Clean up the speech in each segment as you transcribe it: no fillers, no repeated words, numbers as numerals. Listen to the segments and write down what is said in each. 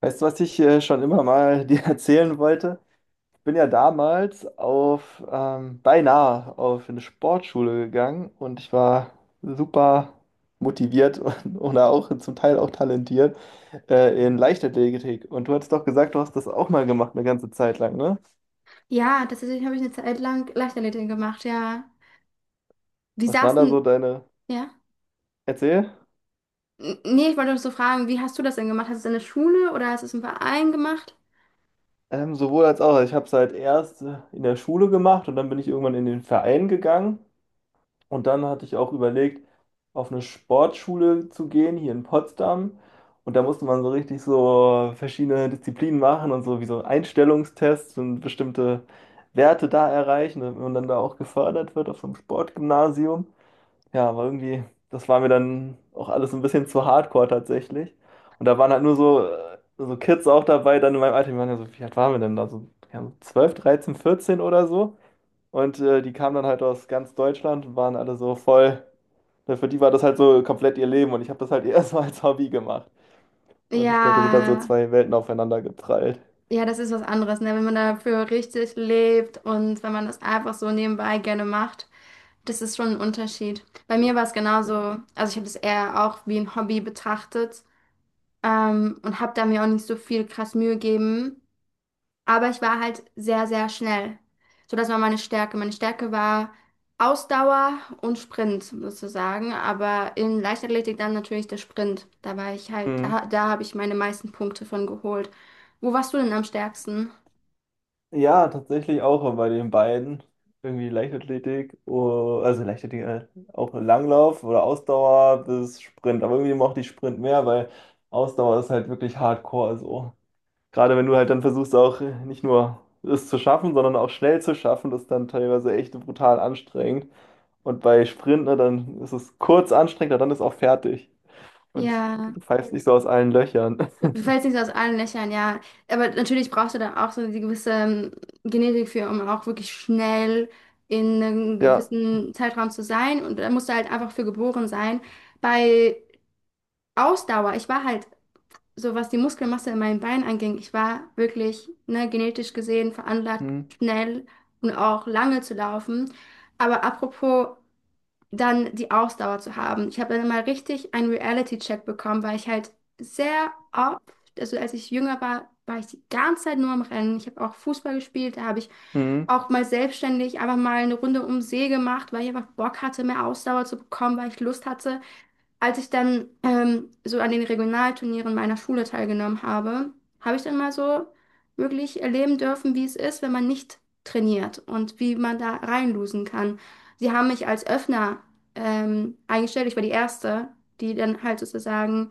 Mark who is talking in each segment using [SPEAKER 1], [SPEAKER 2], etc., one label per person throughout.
[SPEAKER 1] Weißt du, was ich schon immer mal dir erzählen wollte? Ich bin ja damals auf, beinahe auf eine Sportschule gegangen und ich war super motiviert und, oder auch zum Teil auch talentiert in Leichtathletik. Und du hattest doch gesagt, du hast das auch mal gemacht, eine ganze Zeit lang, ne?
[SPEAKER 2] Ja, tatsächlich habe ich eine Zeit lang Leichtathletik gemacht, ja. Die
[SPEAKER 1] Was waren da so
[SPEAKER 2] saßen,
[SPEAKER 1] deine...
[SPEAKER 2] ja.
[SPEAKER 1] Erzähl.
[SPEAKER 2] N nee, ich wollte noch so fragen, wie hast du das denn gemacht? Hast du es in der Schule oder hast du es im Verein gemacht?
[SPEAKER 1] Sowohl als auch. Also ich habe es halt erst in der Schule gemacht und dann bin ich irgendwann in den Verein gegangen. Und dann hatte ich auch überlegt, auf eine Sportschule zu gehen, hier in Potsdam. Und da musste man so richtig so verschiedene Disziplinen machen und so wie so Einstellungstests und bestimmte Werte da erreichen, damit man dann da auch gefördert wird auf so einem Sportgymnasium. Ja, aber irgendwie, das war mir dann auch alles ein bisschen zu hardcore tatsächlich. Und da waren halt nur so, so Kids auch dabei, dann in meinem Alter, die waren ja so, wie alt waren wir denn da? So, ja, so 12, 13, 14 oder so. Und die kamen dann halt aus ganz Deutschland und waren alle so voll. Ne, für die war das halt so komplett ihr Leben und ich habe das halt erstmal als Hobby gemacht. Und ich
[SPEAKER 2] Ja,
[SPEAKER 1] glaube, da sind dann so zwei Welten aufeinander geprallt.
[SPEAKER 2] ja, das ist was anderes, ne? Wenn man dafür richtig lebt und wenn man das einfach so nebenbei gerne macht, das ist schon ein Unterschied. Bei mir war es genauso, also ich habe das eher auch wie ein Hobby betrachtet, und habe da mir auch nicht so viel krass Mühe gegeben. Aber ich war halt sehr, sehr schnell. So, das war meine Stärke. Meine Stärke war Ausdauer und Sprint sozusagen. Aber in Leichtathletik dann natürlich der Sprint. Da war ich halt,
[SPEAKER 1] Mhm.
[SPEAKER 2] da, da habe ich meine meisten Punkte von geholt. Wo warst du denn am stärksten?
[SPEAKER 1] Ja, tatsächlich auch bei den beiden. Irgendwie Leichtathletik, oh, also Leichtathletik, auch Langlauf oder Ausdauer bis Sprint. Aber irgendwie mochte ich Sprint mehr, weil Ausdauer ist halt wirklich hardcore so. Gerade wenn du halt dann versuchst auch nicht nur es zu schaffen, sondern auch schnell zu schaffen, das ist dann teilweise echt brutal anstrengend. Und bei Sprint, ne, dann ist es kurz anstrengend, aber dann ist auch fertig. Und
[SPEAKER 2] Ja,
[SPEAKER 1] du pfeifst nicht so aus allen Löchern.
[SPEAKER 2] du fällst nicht so aus allen Löchern, ja. Aber natürlich brauchst du dann auch so die gewisse Genetik für, um auch wirklich schnell in einem
[SPEAKER 1] Ja.
[SPEAKER 2] gewissen Zeitraum zu sein. Und da musst du halt einfach für geboren sein. Bei Ausdauer, ich war halt so was die Muskelmasse in meinen Beinen anging, ich war wirklich, ne, genetisch gesehen veranlagt,
[SPEAKER 1] Hm.
[SPEAKER 2] schnell und auch lange zu laufen. Aber apropos dann die Ausdauer zu haben. Ich habe dann mal richtig einen Reality-Check bekommen, weil ich halt sehr oft, also als ich jünger war, war ich die ganze Zeit nur am Rennen. Ich habe auch Fußball gespielt, da habe ich
[SPEAKER 1] Hm.
[SPEAKER 2] auch mal selbstständig einfach mal eine Runde um den See gemacht, weil ich einfach Bock hatte, mehr Ausdauer zu bekommen, weil ich Lust hatte als ich dann so an den Regionalturnieren meiner Schule teilgenommen habe, habe ich dann mal so wirklich erleben dürfen, wie es ist, wenn man nicht trainiert und wie man da reinlosen kann. Sie haben mich als Öffner eingestellt. Ich war die Erste, die dann halt sozusagen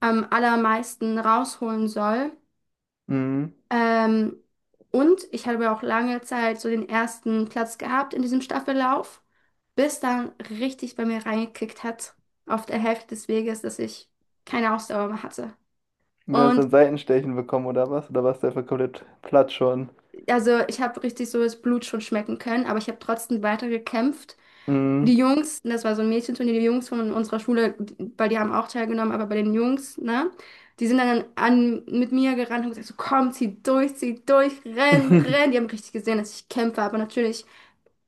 [SPEAKER 2] am allermeisten rausholen soll.
[SPEAKER 1] Hm.
[SPEAKER 2] Ähm, und ich habe auch lange Zeit so den ersten Platz gehabt in diesem Staffellauf, bis dann richtig bei mir reingekickt hat auf der Hälfte des Weges, dass ich keine Ausdauer mehr hatte.
[SPEAKER 1] Du hast
[SPEAKER 2] Und
[SPEAKER 1] dann Seitenstechen bekommen oder was? Oder warst du einfach komplett platt schon?
[SPEAKER 2] also ich habe richtig so das Blut schon schmecken können, aber ich habe trotzdem weiter gekämpft.
[SPEAKER 1] Hm.
[SPEAKER 2] Die Jungs, das war so ein Mädchenturnier, die Jungs von unserer Schule, weil die haben auch teilgenommen, aber bei den Jungs, ne, die sind dann an, mit mir gerannt und haben gesagt, so komm, zieh durch, renn, renn. Die haben richtig gesehen, dass ich kämpfe, aber natürlich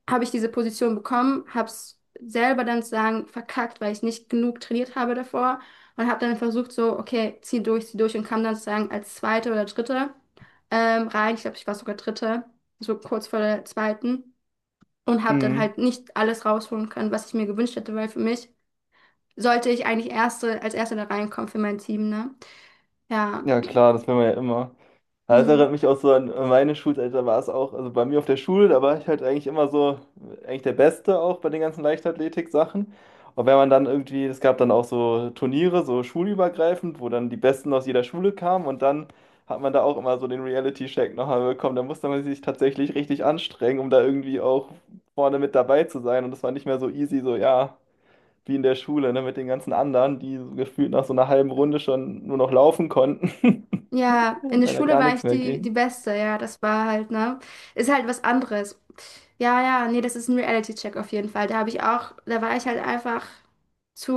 [SPEAKER 2] habe ich diese Position bekommen, habe es selber dann zu sagen verkackt, weil ich nicht genug trainiert habe davor und habe dann versucht so, okay, zieh durch und kam dann sozusagen als Zweite oder Dritte rein. Ich glaube, ich war sogar Dritte, so kurz vor der Zweiten und habe dann
[SPEAKER 1] Hm.
[SPEAKER 2] halt nicht alles rausholen können, was ich mir gewünscht hätte, weil für mich sollte ich eigentlich Erste, als Erste da reinkommen für mein Team, ne? Ja.
[SPEAKER 1] Ja, klar, das will man ja immer. Ja, das
[SPEAKER 2] Mhm.
[SPEAKER 1] erinnert mich auch so an meine Schulzeit, da war es auch, also bei mir auf der Schule, da war ich halt eigentlich immer so, eigentlich der Beste auch bei den ganzen Leichtathletik-Sachen. Und wenn man dann irgendwie, es gab dann auch so Turniere, so schulübergreifend, wo dann die Besten aus jeder Schule kamen und dann hat man da auch immer so den Reality-Check nochmal bekommen. Da musste man sich tatsächlich richtig anstrengen, um da irgendwie auch vorne mit dabei zu sein. Und das war nicht mehr so easy, so ja, wie in der Schule, ne, mit den ganzen anderen, die so gefühlt nach so einer halben Runde schon nur noch laufen konnten,
[SPEAKER 2] Ja, in der
[SPEAKER 1] weil da
[SPEAKER 2] Schule
[SPEAKER 1] gar
[SPEAKER 2] war
[SPEAKER 1] nichts
[SPEAKER 2] ich
[SPEAKER 1] mehr
[SPEAKER 2] die, die
[SPEAKER 1] ging.
[SPEAKER 2] Beste, ja, das war halt, ne? Ist halt was anderes. Ja, ja, nee, das ist ein Reality-Check auf jeden Fall. Da habe ich auch, da war ich halt einfach zu,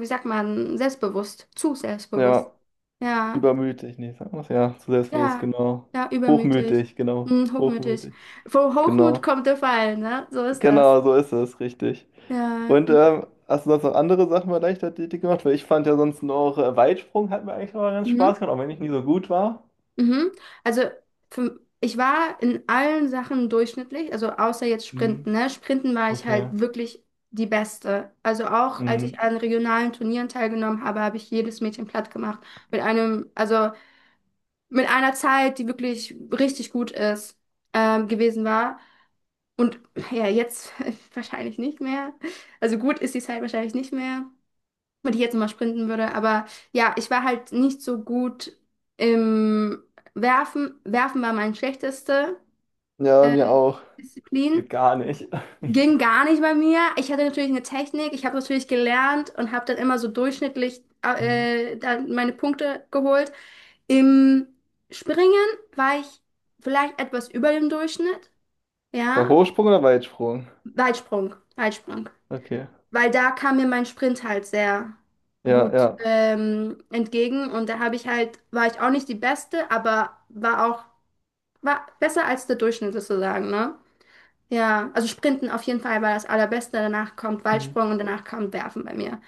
[SPEAKER 2] wie sagt man, selbstbewusst, zu selbstbewusst.
[SPEAKER 1] Ja.
[SPEAKER 2] Ja,
[SPEAKER 1] Übermütig, nee, sag mal, so. Ja, zu selbstbewusst,
[SPEAKER 2] ja,
[SPEAKER 1] genau.
[SPEAKER 2] ja, übermütig,
[SPEAKER 1] Hochmütig, genau.
[SPEAKER 2] hm, hochmütig.
[SPEAKER 1] Hochmütig,
[SPEAKER 2] Vom Hochmut
[SPEAKER 1] genau.
[SPEAKER 2] kommt der Fall, ne? So ist das.
[SPEAKER 1] Genau, so ist es, richtig.
[SPEAKER 2] Ja,
[SPEAKER 1] Und hast du sonst noch andere Sachen bei Leichtathletik gemacht? Weil ich fand ja sonst noch Weitsprung hat mir eigentlich immer ganz
[SPEAKER 2] mhm.
[SPEAKER 1] Spaß gemacht, auch wenn ich nie so gut war.
[SPEAKER 2] Mhm. Also für, ich war in allen Sachen durchschnittlich, also außer jetzt Sprinten,
[SPEAKER 1] Mhm.
[SPEAKER 2] ne? Sprinten war ich halt
[SPEAKER 1] Okay.
[SPEAKER 2] wirklich die Beste. Also auch als ich
[SPEAKER 1] Mhm.
[SPEAKER 2] an regionalen Turnieren teilgenommen habe, habe ich jedes Mädchen platt gemacht. Mit einem, also mit einer Zeit, die wirklich richtig gut ist, gewesen war. Und ja, jetzt wahrscheinlich nicht mehr. Also gut ist die Zeit wahrscheinlich nicht mehr wenn ich jetzt mal sprinten würde. Aber ja, ich war halt nicht so gut im Werfen. Werfen war meine schlechteste
[SPEAKER 1] Ja, mir auch.
[SPEAKER 2] Disziplin.
[SPEAKER 1] Geht gar nicht.
[SPEAKER 2] Ging gar nicht bei mir. Ich hatte natürlich eine Technik. Ich habe natürlich gelernt und habe dann immer so durchschnittlich
[SPEAKER 1] Mhm.
[SPEAKER 2] dann meine Punkte geholt. Im Springen war ich vielleicht etwas über dem Durchschnitt.
[SPEAKER 1] Bei
[SPEAKER 2] Ja,
[SPEAKER 1] Hochsprung oder Weitsprung?
[SPEAKER 2] Weitsprung. Weitsprung.
[SPEAKER 1] Okay.
[SPEAKER 2] Weil da kam mir mein Sprint halt sehr
[SPEAKER 1] Ja,
[SPEAKER 2] gut
[SPEAKER 1] ja.
[SPEAKER 2] entgegen und da habe ich halt, war ich auch nicht die Beste, aber war auch, war besser als der Durchschnitt sozusagen, ne? Ja, also Sprinten auf jeden Fall war das Allerbeste, danach kommt
[SPEAKER 1] Mhm.
[SPEAKER 2] Weitsprung und danach kommt Werfen bei mir.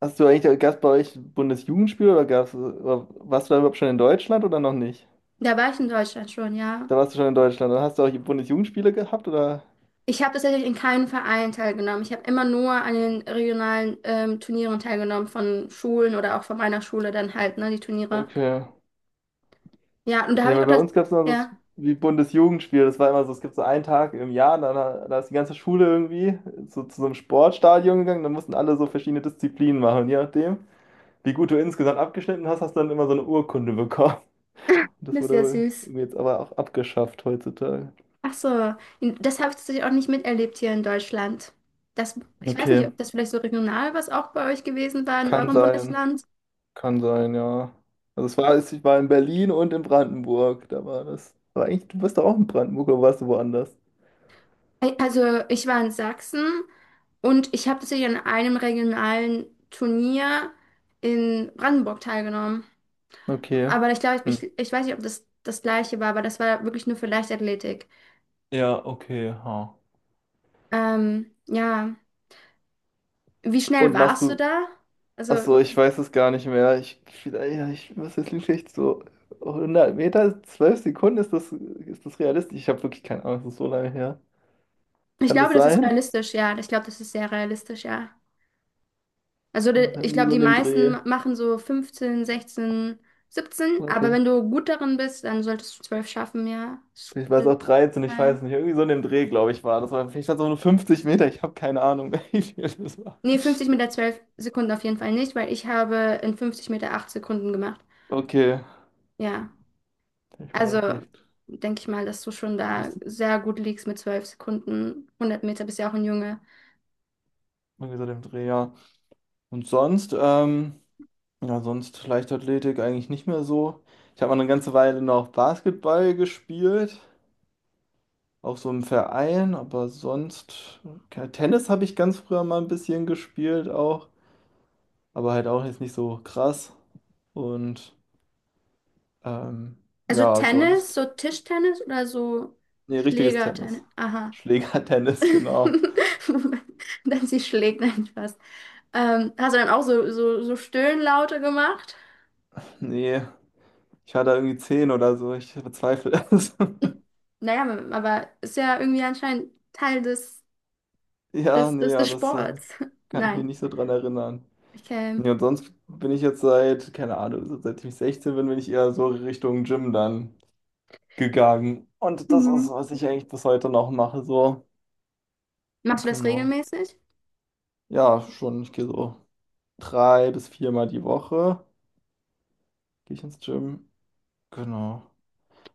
[SPEAKER 1] Hast du eigentlich, gab es bei euch Bundesjugendspiel oder gab's, warst du da überhaupt schon in Deutschland oder noch nicht?
[SPEAKER 2] Da war ich in Deutschland schon, ja.
[SPEAKER 1] Da warst du schon in Deutschland. Dann hast du auch die Bundesjugendspiele gehabt, oder?
[SPEAKER 2] Ich habe tatsächlich in keinem Verein teilgenommen. Ich habe immer nur an den regionalen Turnieren teilgenommen, von Schulen oder auch von meiner Schule dann halt, ne, die Turniere.
[SPEAKER 1] Okay.
[SPEAKER 2] Ja, und da
[SPEAKER 1] Nee,
[SPEAKER 2] habe ich auch
[SPEAKER 1] weil bei
[SPEAKER 2] das,
[SPEAKER 1] uns gab es noch das
[SPEAKER 2] ja,
[SPEAKER 1] wie Bundesjugendspiel. Das war immer so, es gibt so einen Tag im Jahr, da, da ist die ganze Schule irgendwie so, zu so einem Sportstadion gegangen. Dann mussten alle so verschiedene Disziplinen machen. Und je nachdem, wie gut du insgesamt abgeschnitten hast, hast du dann immer so eine Urkunde bekommen. Das
[SPEAKER 2] das ist
[SPEAKER 1] wurde
[SPEAKER 2] ja
[SPEAKER 1] wohl
[SPEAKER 2] süß.
[SPEAKER 1] jetzt aber auch abgeschafft heutzutage.
[SPEAKER 2] Ach so, das habe ich tatsächlich auch nicht miterlebt hier in Deutschland. Das, ich weiß nicht,
[SPEAKER 1] Okay,
[SPEAKER 2] ob das vielleicht so regional was auch bei euch gewesen war in
[SPEAKER 1] kann
[SPEAKER 2] eurem
[SPEAKER 1] sein.
[SPEAKER 2] Bundesland.
[SPEAKER 1] Kann sein, ja. Also es war, ich war in Berlin und in Brandenburg. Da war das. Aber eigentlich, du bist doch auch in Brandenburg oder warst du woanders?
[SPEAKER 2] Also ich war in Sachsen und ich habe tatsächlich an einem regionalen Turnier in Brandenburg teilgenommen.
[SPEAKER 1] Okay.
[SPEAKER 2] Aber ich glaube,
[SPEAKER 1] Hm.
[SPEAKER 2] ich weiß nicht, ob das das gleiche war, aber das war wirklich nur für Leichtathletik.
[SPEAKER 1] Ja, okay, ha.
[SPEAKER 2] Ja, wie schnell
[SPEAKER 1] Und machst
[SPEAKER 2] warst du
[SPEAKER 1] du,
[SPEAKER 2] da?
[SPEAKER 1] ach so,
[SPEAKER 2] Also
[SPEAKER 1] ich weiß es gar nicht mehr. Ich, vielleicht, ja, ich, was ist vielleicht so 100 Meter, 12 Sekunden, ist das realistisch? Ich habe wirklich keine Ahnung, das ist so lange her.
[SPEAKER 2] ich
[SPEAKER 1] Kann das
[SPEAKER 2] glaube, das ist
[SPEAKER 1] sein?
[SPEAKER 2] realistisch, ja. Ich glaube, das ist sehr realistisch, ja. Also
[SPEAKER 1] Kann das
[SPEAKER 2] de-
[SPEAKER 1] sein,
[SPEAKER 2] ich
[SPEAKER 1] irgendwie
[SPEAKER 2] glaube,
[SPEAKER 1] so
[SPEAKER 2] die
[SPEAKER 1] in dem
[SPEAKER 2] meisten
[SPEAKER 1] Dreh?
[SPEAKER 2] ma- machen so 15, 16, 17,
[SPEAKER 1] Oder
[SPEAKER 2] aber
[SPEAKER 1] vielleicht,
[SPEAKER 2] wenn du gut darin bist, dann solltest du 12 schaffen, ja. Das
[SPEAKER 1] vielleicht war es
[SPEAKER 2] ist
[SPEAKER 1] auch 13. Ich
[SPEAKER 2] ein-
[SPEAKER 1] weiß nicht. Irgendwie so in dem Dreh, glaube ich, war das. War, vielleicht waren es auch nur 50 Meter, ich habe keine Ahnung, wie viel das war.
[SPEAKER 2] Nee, 50 Meter 12 Sekunden auf jeden Fall nicht, weil ich habe in 50 Meter 8 Sekunden gemacht.
[SPEAKER 1] Okay,
[SPEAKER 2] Ja,
[SPEAKER 1] ich war
[SPEAKER 2] also
[SPEAKER 1] vielleicht,
[SPEAKER 2] denke ich mal, dass du schon
[SPEAKER 1] das
[SPEAKER 2] da sehr gut liegst mit 12 Sekunden. 100 Meter bist ja auch ein Junge.
[SPEAKER 1] irgendwie so in dem Dreh, ja. Und sonst, ja, sonst Leichtathletik eigentlich nicht mehr so. Ich habe mal eine ganze Weile noch Basketball gespielt, auch so im Verein, aber sonst, ja, Tennis habe ich ganz früher mal ein bisschen gespielt auch, aber halt auch jetzt nicht so krass. Und ähm,
[SPEAKER 2] Also
[SPEAKER 1] ja,
[SPEAKER 2] Tennis,
[SPEAKER 1] sonst,
[SPEAKER 2] so Tischtennis oder so
[SPEAKER 1] nee, richtiges Tennis.
[SPEAKER 2] Schlägertennis? Aha.
[SPEAKER 1] Schlägertennis, genau.
[SPEAKER 2] Dann sie schlägt nein fast. Hast du dann auch so, so Stöhnlaute gemacht?
[SPEAKER 1] Nee, ich war da irgendwie 10 oder so, ich bezweifle es.
[SPEAKER 2] Naja, aber ist ja irgendwie anscheinend Teil des,
[SPEAKER 1] Ja,
[SPEAKER 2] des,
[SPEAKER 1] nee,
[SPEAKER 2] des, des
[SPEAKER 1] ja, das
[SPEAKER 2] Sports.
[SPEAKER 1] kann ich mich
[SPEAKER 2] Nein.
[SPEAKER 1] nicht so dran erinnern.
[SPEAKER 2] Okay.
[SPEAKER 1] Ja, und sonst bin ich jetzt seit, keine Ahnung, so seit ich 16 bin, bin ich eher so Richtung Gym dann gegangen. Und das ist,
[SPEAKER 2] Mhm.
[SPEAKER 1] was ich eigentlich bis heute noch mache, so.
[SPEAKER 2] Machst du das
[SPEAKER 1] Genau.
[SPEAKER 2] regelmäßig?
[SPEAKER 1] Ja, schon, ich gehe so 3 bis 4 Mal die Woche, gehe ich ins Gym. Genau.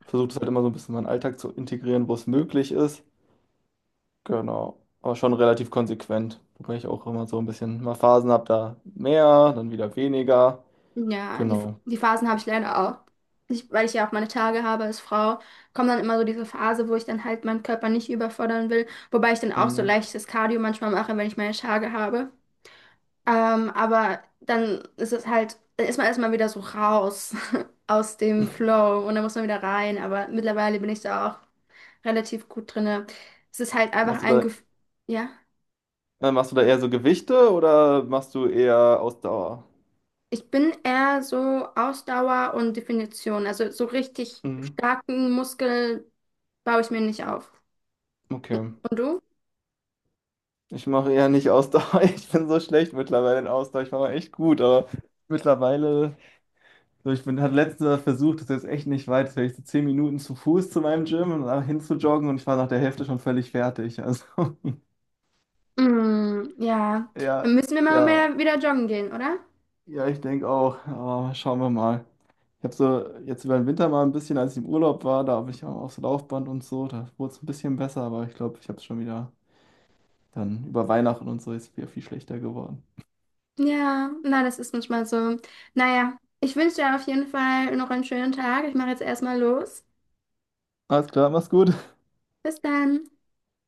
[SPEAKER 1] Versuche das halt immer so ein bisschen in meinen Alltag zu integrieren, wo es möglich ist. Genau. Aber schon relativ konsequent. Wobei ich auch immer so ein bisschen mal Phasen habe, da mehr, dann wieder weniger.
[SPEAKER 2] Ja, die,
[SPEAKER 1] Genau.
[SPEAKER 2] die Phasen habe ich leider auch. Ich, weil ich ja auch meine Tage habe als Frau, kommt dann immer so diese Phase, wo ich dann halt meinen Körper nicht überfordern will. Wobei ich dann auch so
[SPEAKER 1] Mhm.
[SPEAKER 2] leichtes Cardio manchmal mache, wenn ich meine Tage habe. Aber dann ist es halt, dann ist man erstmal wieder so raus aus dem Flow und dann muss man wieder rein. Aber mittlerweile bin ich da auch relativ gut drinne. Es ist halt einfach
[SPEAKER 1] Machst du
[SPEAKER 2] ein
[SPEAKER 1] da
[SPEAKER 2] Gefühl, ja.
[SPEAKER 1] Machst du da eher so Gewichte oder machst du eher Ausdauer?
[SPEAKER 2] Ich bin eher so Ausdauer und Definition. Also so richtig
[SPEAKER 1] Mhm.
[SPEAKER 2] starken Muskel baue ich mir nicht auf.
[SPEAKER 1] Okay.
[SPEAKER 2] Und du?
[SPEAKER 1] Ich mache eher nicht Ausdauer. Ich bin so schlecht mittlerweile in Ausdauer. Ich war mal echt gut, aber mittlerweile, so ich bin, hatte letzter versucht, das ist jetzt echt nicht weit, vielleicht so 10 Minuten zu Fuß zu meinem Gym und da hin zu joggen und ich war nach der Hälfte schon völlig fertig. Also,
[SPEAKER 2] Mm, ja.
[SPEAKER 1] ja,
[SPEAKER 2] Dann müssen wir mal
[SPEAKER 1] ja,
[SPEAKER 2] mehr wieder joggen gehen, oder?
[SPEAKER 1] ja, ich denke auch. Aber schauen wir mal. Ich habe so jetzt über den Winter mal ein bisschen, als ich im Urlaub war, da habe ich auch aufs Laufband und so, da wurde es ein bisschen besser, aber ich glaube, ich habe es schon wieder. Dann über Weihnachten und so ist es wieder viel schlechter geworden.
[SPEAKER 2] Ja, na, das ist manchmal so. Naja, ich wünsche dir auf jeden Fall noch einen schönen Tag. Ich mache jetzt erstmal los.
[SPEAKER 1] Alles klar, mach's gut.
[SPEAKER 2] Bis dann.